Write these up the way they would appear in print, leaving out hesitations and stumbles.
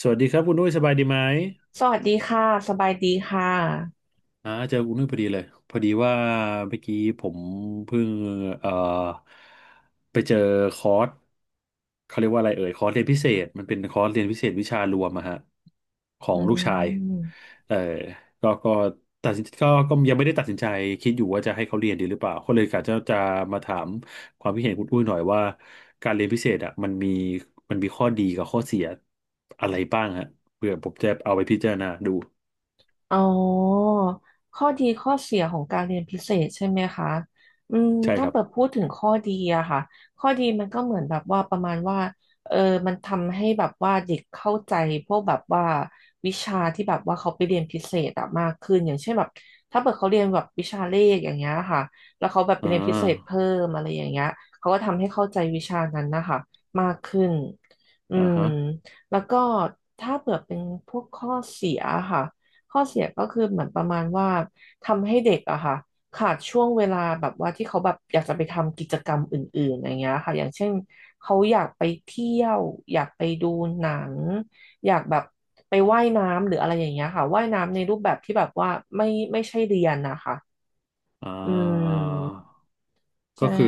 สวัสดีครับคุณนุ้ยสบายดีไหมสวัสดีค่ะ สบายดีค่ะเจอคุณนุ้ยพอดีเลยพอดีว่าเมื่อกี้ผมเพิ่งเอ่อไปเจอคอร์สเขาเรียกว่าอะไรเอ่ยคอร์สเรียนพิเศษมันเป็นคอร์สเรียนพิเศษวิชารวมอะฮะขออืงลูกชายม เออก็ตัดสินก็ก็ยังไม่ได้ตัดสินใจคิดอยู่ว่าจะให้เขาเรียนดีหรือเปล่าก็เลยกะจะมาถามความคิดเห็นคุณอุ้ยหน่อยว่าการเรียนพิเศษอะมันมีข้อดีกับข้อเสียอะไรบ้างฮะเพื่อผมจะเอาไปพิจารณาดู อ๋อข้อดีข้อเสียของการเรียนพิเศษใช่ไหมคะอืมใช่คถ้ารับเปิดพูดถึงข้อดีอะค่ะข้อดีมันก็เหมือนแบบว่าประมาณว่าเออมันทำให้แบบว่าเด็กเข้าใจพวกแบบว่าวิชาที่แบบว่าเขาไปเรียนพิเศษอะมากขึ้นอย่างเช่นแบบถ้าเปิดเขาเรียนแบบวิชาเลขอย่างเงี้ยค่ะแล้วเขาแบบไปอ่เรียนพิเศษาเพิ่มอะไรอย่างเงี้ยเขาก็ทำให้เข้าใจวิชานั้นนะคะมากขึ้นอือ่ามฮะแล้วก็ถ้าเผื่อเป็นพวกข้อเสียค่ะ ข้อเสียก็คือเหมือนประมาณว่าทำให้เด็กอะค่ะขาดช่วงเวลาแบบว่าที่เขาแบบอยากจะไปทำกิจกรรมอื่นๆอย่างเงี้ยค่ะอย่างเช่นเขาอยากไปเที่ยวอยากไปดูหนังอยากแบบไปว่ายน้ำหรืออะไรอย่างเงี้ยค่ะว่ายน้ำในรูปแบบที่แบบว่าไม่ไม่ใช่เรียนนะคะอ่อืามก็ใช่คือ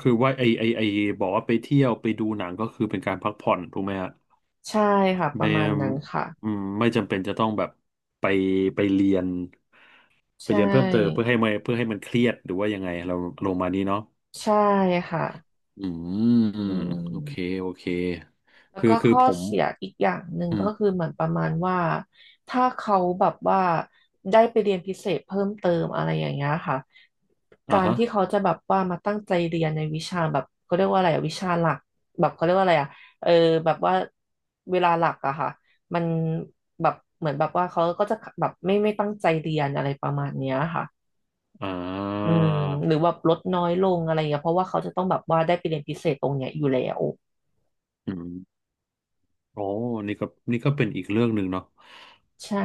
คือว่าไอบอกว่าไปเที่ยวไปดูหนังก็คือเป็นการพักผ่อนถูกไหมฮะใช่ค่ะปไม่ระมาณนั้นค่ะอืมไม่จำเป็นจะต้องแบบไปไปเรียนใชไปเรียนเพิ่มเติมเพื่อ่เพื่อให้มันเครียดหรือว่ายังไงเราลงมานี้เนาะใช่ค่ะอืม อืโอเคม โอเคแล้วคือก็คือข้อผมเสียอีกอย่างหนึ่งอืมก็คือเหมือนประมาณว่าถ้าเขาแบบว่าได้ไปเรียนพิเศษเพิ่มเติมอะไรอย่างเงี้ยค่ะกาอ่ารฮะที่เขาจะแบบว่ามาตั้งใจเรียนในวิชาแบบเขาเรียกว่าอะไรอะวิชาหลักแบบเขาเรียกว่าอะไรอะเออแบบว่าเวลาหลักอะค่ะมันแบบเหมือนแบบว่าเขาก็จะแบบไม่ตั้งใจเรียนอะไรประมาณเนี้ยค่ะอ่อืามหรือว่าลดน้อยลงอะไรอย่างเงี้ยเพราะว่าเขาจะต้องแบบว่าได้ไปเรียนพิเศษตรงเนี้ยอยู่แล้วอืมโอ้นี่ก็นี่ก็เป็นอีกเรื่องหนึ่งเนาะ ใช่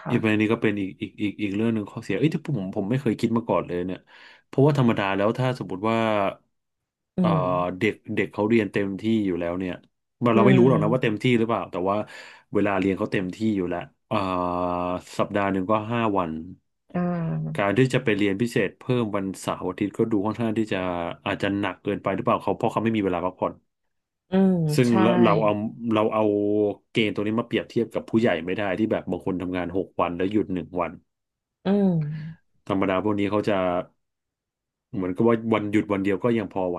ค่ะอีกประเด็นนี้ก็เป็นอีกเรื่องหนึ่งข้อเสียเอ้ยที่ผมไม่เคยคิดมาก่อนเลยเนี่ยเพราะว่าธรรมดาแล้วถ้าสมมติว่าอืเอ่อม เด็กเด็กเขาเรียนเต็มที่อยู่แล้วเนี่ยเราอืเราไม่รู้หรอกนะว่าเต็มมที่หรือเปล่าแต่ว่าเวลาเรียนเขาเต็มที่อยู่แล้วเอ่อสัปดาห์หนึ่งก็ห้าวันอ่กาารที่จะไปเรียนพิเศษเพิ่มวันเสาร์อาทิตย์ก็ดูค่อนข้างที่จะอาจจะหนักเกินไปหรือเปล่าเขาเพราะเขาไม่มีเวลาพักผ่อน อืมซึ่งใช่เราเอาเกณฑ์ตัวนี้มาเปรียบเทียบกับผู้ใหญ่ไม่ได้ที่แบบบางคนทำงานหกวันแล้วหยุดหนึ่งวันอืมธรรมดาพวกนี้เขาจะเหมือนกับว่าวันหยุดวันเดียวก็ยังพอไหว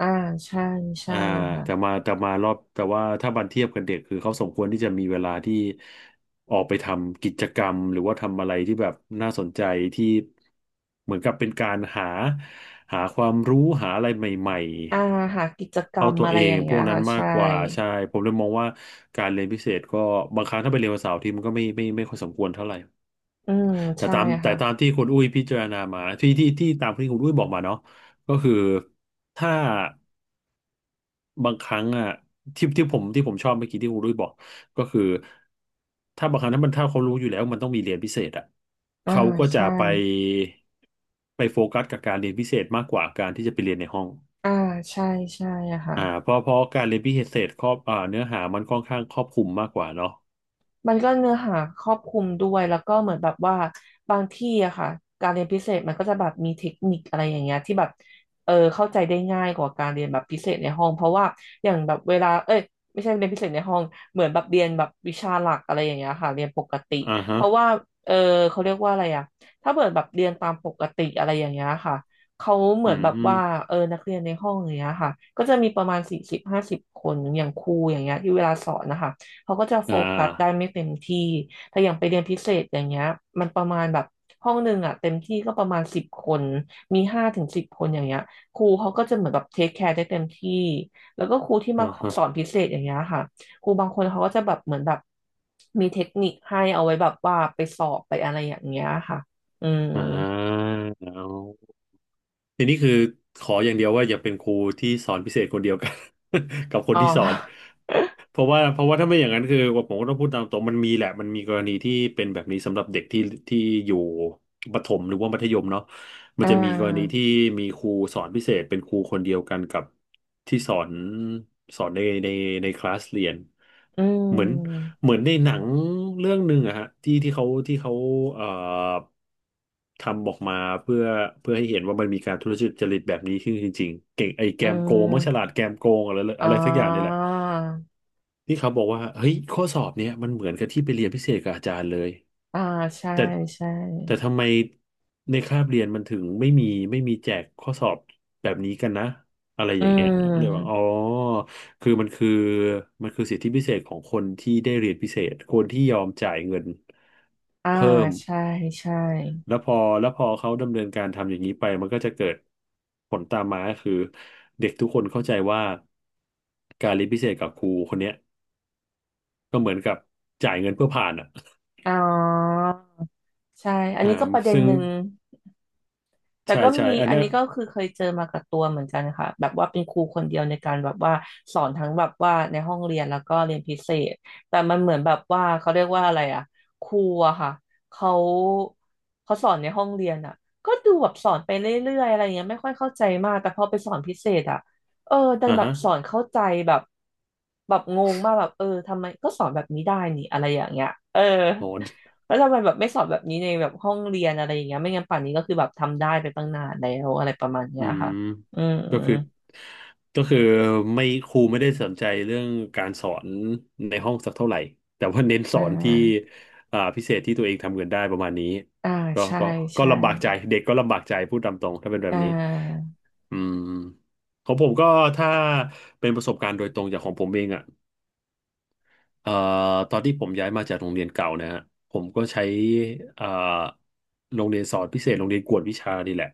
อ่าใช่ใช่อ่าแต่ค่ะมาแต่มารอบแต่ว่าถ้าบันเทียบกับเด็กคือเขาสมควรที่จะมีเวลาที่ออกไปทำกิจกรรมหรือว่าทำอะไรที่แบบน่าสนใจที่เหมือนกับเป็นการหาความรู้หาอะไรใหม่อ่าหากิจกๆรเข้ารมตัวอะไรเอองย่างพเงี้วยกนั้นค่ะมากใช่กว่าใช่ผมเลยมองว่าการเรียนพิเศษก็บางครั้งถ้าไปเรียนวันเสาร์อาที่มันก็ไม่ค่อยสมควรเท่าไหร่อืมใช่แต่ค่ะตามที่คุณอุ้ยพิจารณามาที่ที่ที่ตามที่คุณอุ้ยบอกมาเนาะก็คือถ้า บางครั้งอ่ะที่ผมชอบเมื่อกี้ที่คุณรุ้ยบอกก็คือถ้าบางครั้งถ้ามันถ้าเขารู้อยู่แล้วมันต้องมีเรียนพิเศษอ่ะอ่าเขาก็จะใช่ไปโฟกัสกับการเรียนพิเศษมากกว่าการที่จะไปเรียนในห้องอ่าใช่ใช่อ่าค่ะ เพราะเพราะการเรียนพิเศษครอบอ่าเนื้อหามันค่อนข้างครอบคลุมมากกว่าเนาะมันก็เนื้อหาครอบคลุมด้วยแล้วก็เหมือนแบบว่าบางที่อะค่ะการเรียนพิเศษมันก็จะแบบมีเทคนิคอะไรอย่างเงี้ยที่แบบเข้าใจได้ง่ายกว่าการเรียนแบบพิเศษในห้องเพราะว่าอย่างแบบเวลาเอ้ยไม่ใช่เรียนพิเศษในห้องเหมือนแบบเรียนแบบวิชาหลักอะไรอย่างเงี้ยค่ะเรียนปกติอ่าฮะเพราะว่าเออเขาเรียกว่าอะไรอะถ้าเกิดแบบเรียนตามปกติอะไรอย่างเงี้ยค่ะเขาเหอืมือนมแบบอมว่านักเรียนในห้องอย่างเงี้ยค่ะก็จะมีประมาณ40-50 คนอย่างครูอย่างเงี้ยที่เวลาสอนนะคะ เขาก็จะโฟอ่กัสได้าไม่เต็มที่แต่อย่างไปเรียนพิเศษอย่างเงี้ยมันประมาณแบบห้องหนึ่งอ่ะเต็มที่ก็ประมาณสิบคนมี5-10 คนอย่างเงี้ยครูเขาก็จะเหมือนแบบเทคแคร์ได้เต็มที่แล้วก็ครูที่อ่ามาฮะสอนพิเศษอย่างเงี้ยค่ะครูบางคนเขาก็จะแบบเหมือนแบบมีเทคนิคให้เอาไว้แบบว่าไปสอบไปอะไรอย่างเงี้ยค่ะอืมอ่า ทีนี้คือขออย่างเดียวว่าอย่าเป็นครูที่สอนพิเศษคนเดียวกัน กับคนอ๋อ ที่สอนเพราะว่าถ้าไม่อย่างนั้นคือผมก็ต้องพูดตามตรงมันมีแหละมันมีกรณีที่เป็นแบบนี้สำหรับเด็กที่ที่อยู่ประถมหรือว่ามัธยมเนาะ มัอ่นจะมีกรณีาที่มีครูสอนพิเศษเป็นครูคนเดียวกันกับที่สอนสอนในคลาสเรียนอืเหมือน มเหมือนในหนังเรื่องหนึ่งอะฮะที่เขาเอ่อทำออกมาเพื่อเพื่อให้เห็นว่ามันมีการทุจริตแบบนี้ขึ้นจริงๆเก่งไอ้แกอืมโกงมังฉลาดมแกมโกงอะไรอ่อะไรสักอย่างนี่แหละ าพี่เขาบอกว่าเฮ้ยข้อสอบเนี้ยมันเหมือนกับที่ไปเรียนพิเศษกับอาจารย์เลยอ่าใช่แต่ใช่ แต่ทำไมในคาบเรียนมันถึงไม่มีแจกข้อสอบแบบนี้กันนะอะไรออืย่างเงี้ยเลยว่าอ๋อมคือมันคือสิทธิพิเศษของคนที่ได้เรียนพิเศษคนที่ยอมจ่ายเงินอ่าเพิ่มใช่ใช่แล้วพอเขาดำเนินการทำอย่างนี้ไปมันก็จะเกิดผลตามมาคือเด็กทุกคนเข้าใจว่าการเรียนพิเศษกับครูคนเนี้ย ก็เหมือนกับจ่ายเงินเพื่อผ่านอ่ะอ๋อใช่อันอ่านี้ก็ประเด็นซึ่งหนึ่ง แต่ใช่ก็ใช่มีอันอันเนี้ยนี้ก็คือเคยเจอมากับตัวเหมือนกันค่ะแบบว่าเป็นครูคนเดียวในการแบบว่าสอนทั้งแบบว่าในห้องเรียนแล้วก็เรียนพิเศษแต่มันเหมือนแบบว่าเขาเรียกว่าอะไรอะครูอะค่ะเขาเขาสอนในห้องเรียนอะก็ดูแบบสอนไปเรื่อยๆอะไรเงี้ยไม่ค่อยเข้าใจมากแต่พอไปสอนพิเศษอะเออดันอ่าแบบฮะสอนเข้าใจแบบแบบงงมากแบบเออทำไมก็สอนแบบนี้ได้นี่อะไรอย่างเงี้ยเออ อ๋อแล้วทำไมแบบไม่สอนแบบนี้ในแบบห้องเรียนอะไรอย่างเงี้ยไม่งั้นป่านนี้ก็คือแบบทำได้ไปตั้งนานแล้วอะไรประมาณเนี้อืยค่ะมอืมก็คือก็คือไม่ครูไม่ได้สนใจเรื่องการสอนในห้องสักเท่าไหร่ แต่ว่าเน้นสอ่อนที่าอ่าพิเศษที่ตัวเองทำเงินได้ประมาณนี้ อ่าก็ใช่ก็ก็ใช่ลำบากใจ เด็กก็ลำบากใจพูดตามตรงถ้าเป็นแบอ่บนี้าอืมของผมก็ถ้าเป็นประสบการณ์โดยตรงจากของผมเองอ่ะ เอ่อตอนที่ผมย้ายมาจากโรงเรียนเก่านะฮะผมก็ใช้เอ่อโรงเรียนสอนพิเศษโรงเรียนกวดวิชานี่แหละ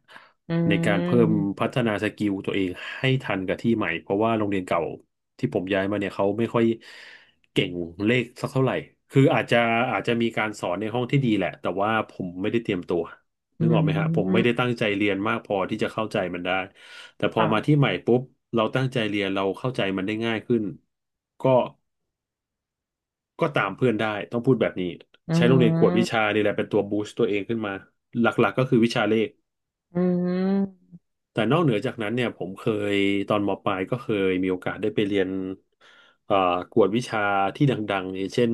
อืในการเพิ่มมพัฒนาสกิลตัวเองให้ทันกับที่ใหม่เพราะว่าโรงเรียนเก่าที่ผมย้ายมาเนี่ยเขาไม่ค่อยเก่งเลขสักเท่าไหร่คืออาจจะมีการสอนในห้องที่ดีแหละแต่ว่าผมไม่ได้เตรียมตัวอืนึกออกไหมฮะผมไม่ได้มตั้งใจเรียนมากพอที่จะเข้าใจมันได้แต่พอมาที่ค่ะใหม่ปุ๊บเราตั้งใจเรียนเราเข้าใจมันได้ง่ายขึ้นก็ ก็ตามเพื่อนได้ต้องพูดแบบนี้อืใช้โรงเรียนกวดวิชามนี่แหละเป็นตัวบูสต์ตัวเองขึ้นมาหลักๆก็คือวิชาเลขอืมแต่นอกเหนือจากนั้นเนี่ยผมเคยตอนมปลายก็เคยมีโอกาสได้ไปเรียนเอ่อกวดวิชาที่ดังๆอย่างเช่น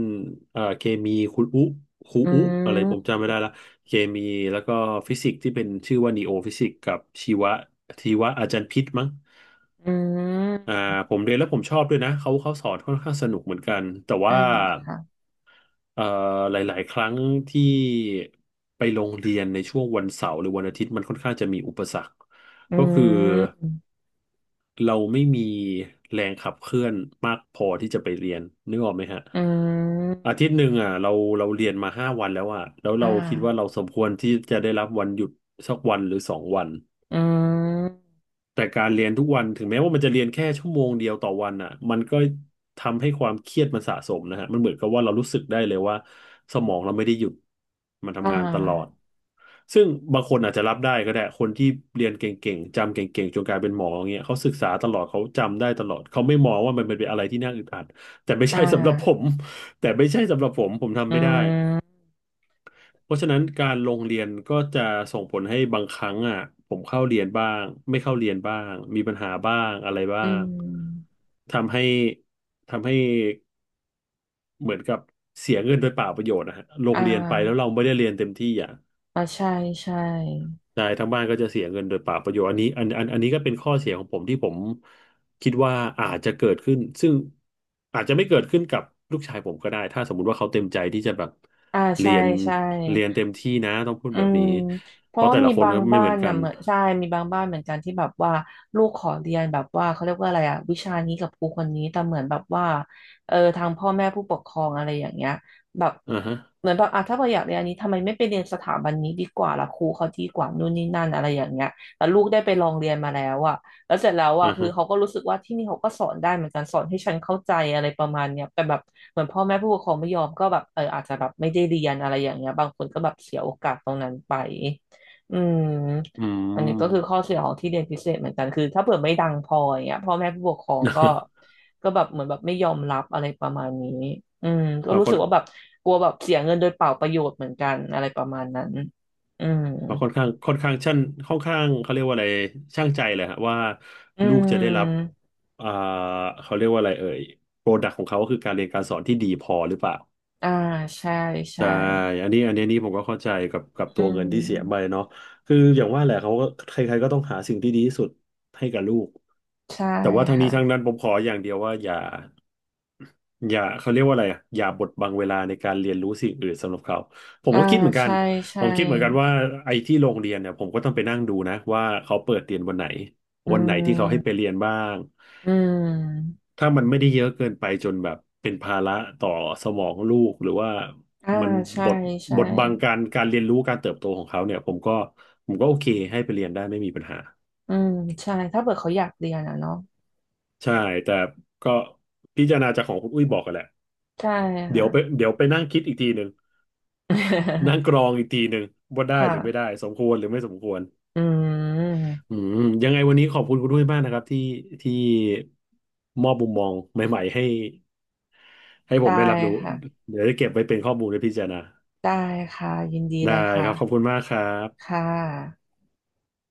เคมีคุณอุครูอือุอะไรผมมจำไม่ได้ละเคมีแล้วก็ฟิสิกส์ที่เป็นชื่อว่านีโอฟิสิกส์กับชีวะชีวะอาจารย์พิษมั้งอือ่ามผมเรียนแล้วผมชอบด้วยนะเขาสอนค่อนข้างสนุกเหมือนกันแต่อ่าว่า ค่ะเอ่อหลายๆครั้งที่ไปโรงเรียนในช่วงวันเสาร์หรือวันอาทิตย์มันค่อนข้างจะมีอุปสรรคอืก็คือมเราไม่มีแรงขับเคลื่อนมากพอที่จะไปเรียนนึกออกไหมฮะอืมอาทิตย์หนึ่งอ่ะเราเรียนมา5 วันแล้วอ่ะแล้วอ่เราคิดว่าเราาสมควรที่จะได้รับวันหยุดสักวันหรือ2 วัน อืมแต่การเรียนทุกวันถึงแม้ว่ามันจะเรียนแค่ชั่วโมงเดียวต่อวันอ่ะมันก็ทำให้ความเครียดมันสะสมนะฮะมันเหมือนกับว่าเรารู้สึกได้เลยว่าสมองเราไม่ได้หยุดมันอ่ทำงานตลอดาซึ่งบางคนอาจจะรับได้ก็ได้คนที่เรียนเก่งๆจำเก่งๆจนกลายเป็นหมออย่างเงี้ยเขาศึกษาตลอดเขาจำได้ตลอดเขาไม่มองว่ามันเป็นอะไรที่น่าอึดอัดแต่ไม่อ่ใช่สำหรับผมาแต่ไม่ใช่สำหรับผมผมทำอืไม่ได้ มเพราะฉะนั้นการลงเรียนก็จะส่งผลให้บางครั้งอ่ะผมเข้าเรียนบ้างไม่เข้าเรียนบ้างมีปัญหาบ้างอะไรบ้าอืงมทำให้ทำให้เหมือนกับเสียเงินโดยเปล่าประโยชน์นะฮะลอ่งเรียนไปแล้วเราาไม่ได้เรียนเต็มที่อ่ะ อ่าใช่ใช่ ใช่ทั้งบ้านก็จะเสียเงินโดยเปล่าประโยชน์อันนี้ก็เป็นข้อเสียของผมที่ผมคิดว่าอาจจะเกิดขึ้นซึ่งอาจจะไม่เกิดขึ้นกับลูกชายผมก็ได้ถ้าสมมุติว่าเขาเต็มใจที่จะแบบอ่าเรีใช่ยนใช่เรียนเต็มที่นะต้องพูดอืแบบมนี้เพเพราะราะว่าแต่ละมีคนบางก็ไม่บ้าเหมืนอนกันะนเหมือนใช่มีบางบ้านเหมือนกันที่แบบว่าลูกขอเรียนแบบว่าเขาเรียกว่าอะไรอะวิชานี้กับครูคนนี้แต่เหมือนแบบว่าทางพ่อแม่ผู้ปกครองอะไรอย่างเงี้ยแบบอ่าฮะเหมือนแบบอ่ะถ้าเราอยากเรียนอันนี้ทำไมไม่ไปเรียนสถาบันนี้ดีกว่าล่ะครูเขาดีกว่านู่นนี่นั่นอะไรอย่างเงี้ยแต่ลูกได้ไปลองเรียนมาแล้วอะแล้วเสร็จแล้วอะอ่าคือฮะเขาก็รู้สึกว่าที่นี่เขาก็สอนได้เหมือนกันสอนให้ฉันเข้าใจอะไรประมาณเนี้ยแต่แบบ เหมือนพ่อแม่ผู้ปกครองไม่ยอมก็แบบอาจจะแบบไม่ได้เรียนอะไรอย่างเงี้ยบางคนก็แบบเสียโอกาสตรงนั้นไปอืมอือันนี้ก็คือม ข้อเสียของที่เรียนพิเศษเหมือนกันคือถ้าเผื่อไม่ดังพออย่างเงี้ยพ่อแม่ผู้ปกครองก็ ก็แบบเหมือนแบบไม่ยอมรับอะไรประมาณนี้อืมก็เรารู้ค่อสึนกว่าแบบกลัวแบบเสียเงินโดยเปล่าประโยชน์เหมือนกันอะไรประมาณนั้นอืมเราค่อนข้างค่อนข้างชั่นค่อนข้างเขาเรียกว่าอะไรช่างใจเลยฮะว่าอืลูกจะได้รับมอ่าเขาเรียกว่าอะไรเอ่ยโปรดักต์ของเขาก็คือการเรียนการสอนที่ดีพอหรือเปล่า อ่าใช่ใช่ใช่อันนี้อันนี้นี่ผมก็เข้าใจกับอืตัวเงินมที่เสียไปเนาะคืออย่างว่าแหละเขาก็ใครๆก็ต้องหาสิ่งที่ดีที่สุดให้กับลูกใช่แต่ว่าทั้งนี้ทั้งค่ะนั้นผมขออย่างเดียวว่าอย่าอย่าเขาเรียกว่าอะไรอะอย่าบดบังเวลาในการเรียนรู้สิ่งอื่นสำหรับเขาผมอ่าก็คิดเหมือนกันใช่ผใช่มคิดเหมือนกันว่าไอ้ที่โรงเรียนเนี่ยผมก็ต้องไปนั่งดูนะว่าเขาเปิดเรียนวันไหนอืวันไหนที่เขาให้ไปม เรียนบ้าง อืมถ้ามันไม่ได้เยอะเกินไปจนแบบเป็นภาระต่อสมองลูกหรือว่าอ่ามันใช่บดใช่ บดบังการเรียนรู้การเติบโตของเขาเนี่ยผมก็โอเคให้ไปเรียนได้ไม่มีปัญหาอืมใช่ ถ้าเกิดเขาอยากเรียนอะเนาะใช่แต่ก็พิจารณาจากของคุณอุ้ยบอกกันแหละใช่เดี๋ยค่ะ วไปเดี๋ยวไปนั่งคิดอีกทีหนึ่งนั่ งกรองอีกทีหนึ่งว่าได้หรือไม่ค่ะ ได้สมควรหรือไม่สมควรอืมอืมยังไงวันนี้ขอบคุณคุณด้วยมากนะครับที่มอบมุมมองใหม่ๆให้ผได้มได้รับรู้ค่ะ เดี๋ยวจะเก็บไว้เป็นข้อมูลและพิจารณา ได้ค่ะ ยินดีได้เลยคค่ะ รับขอบคุณมากครับค่ะ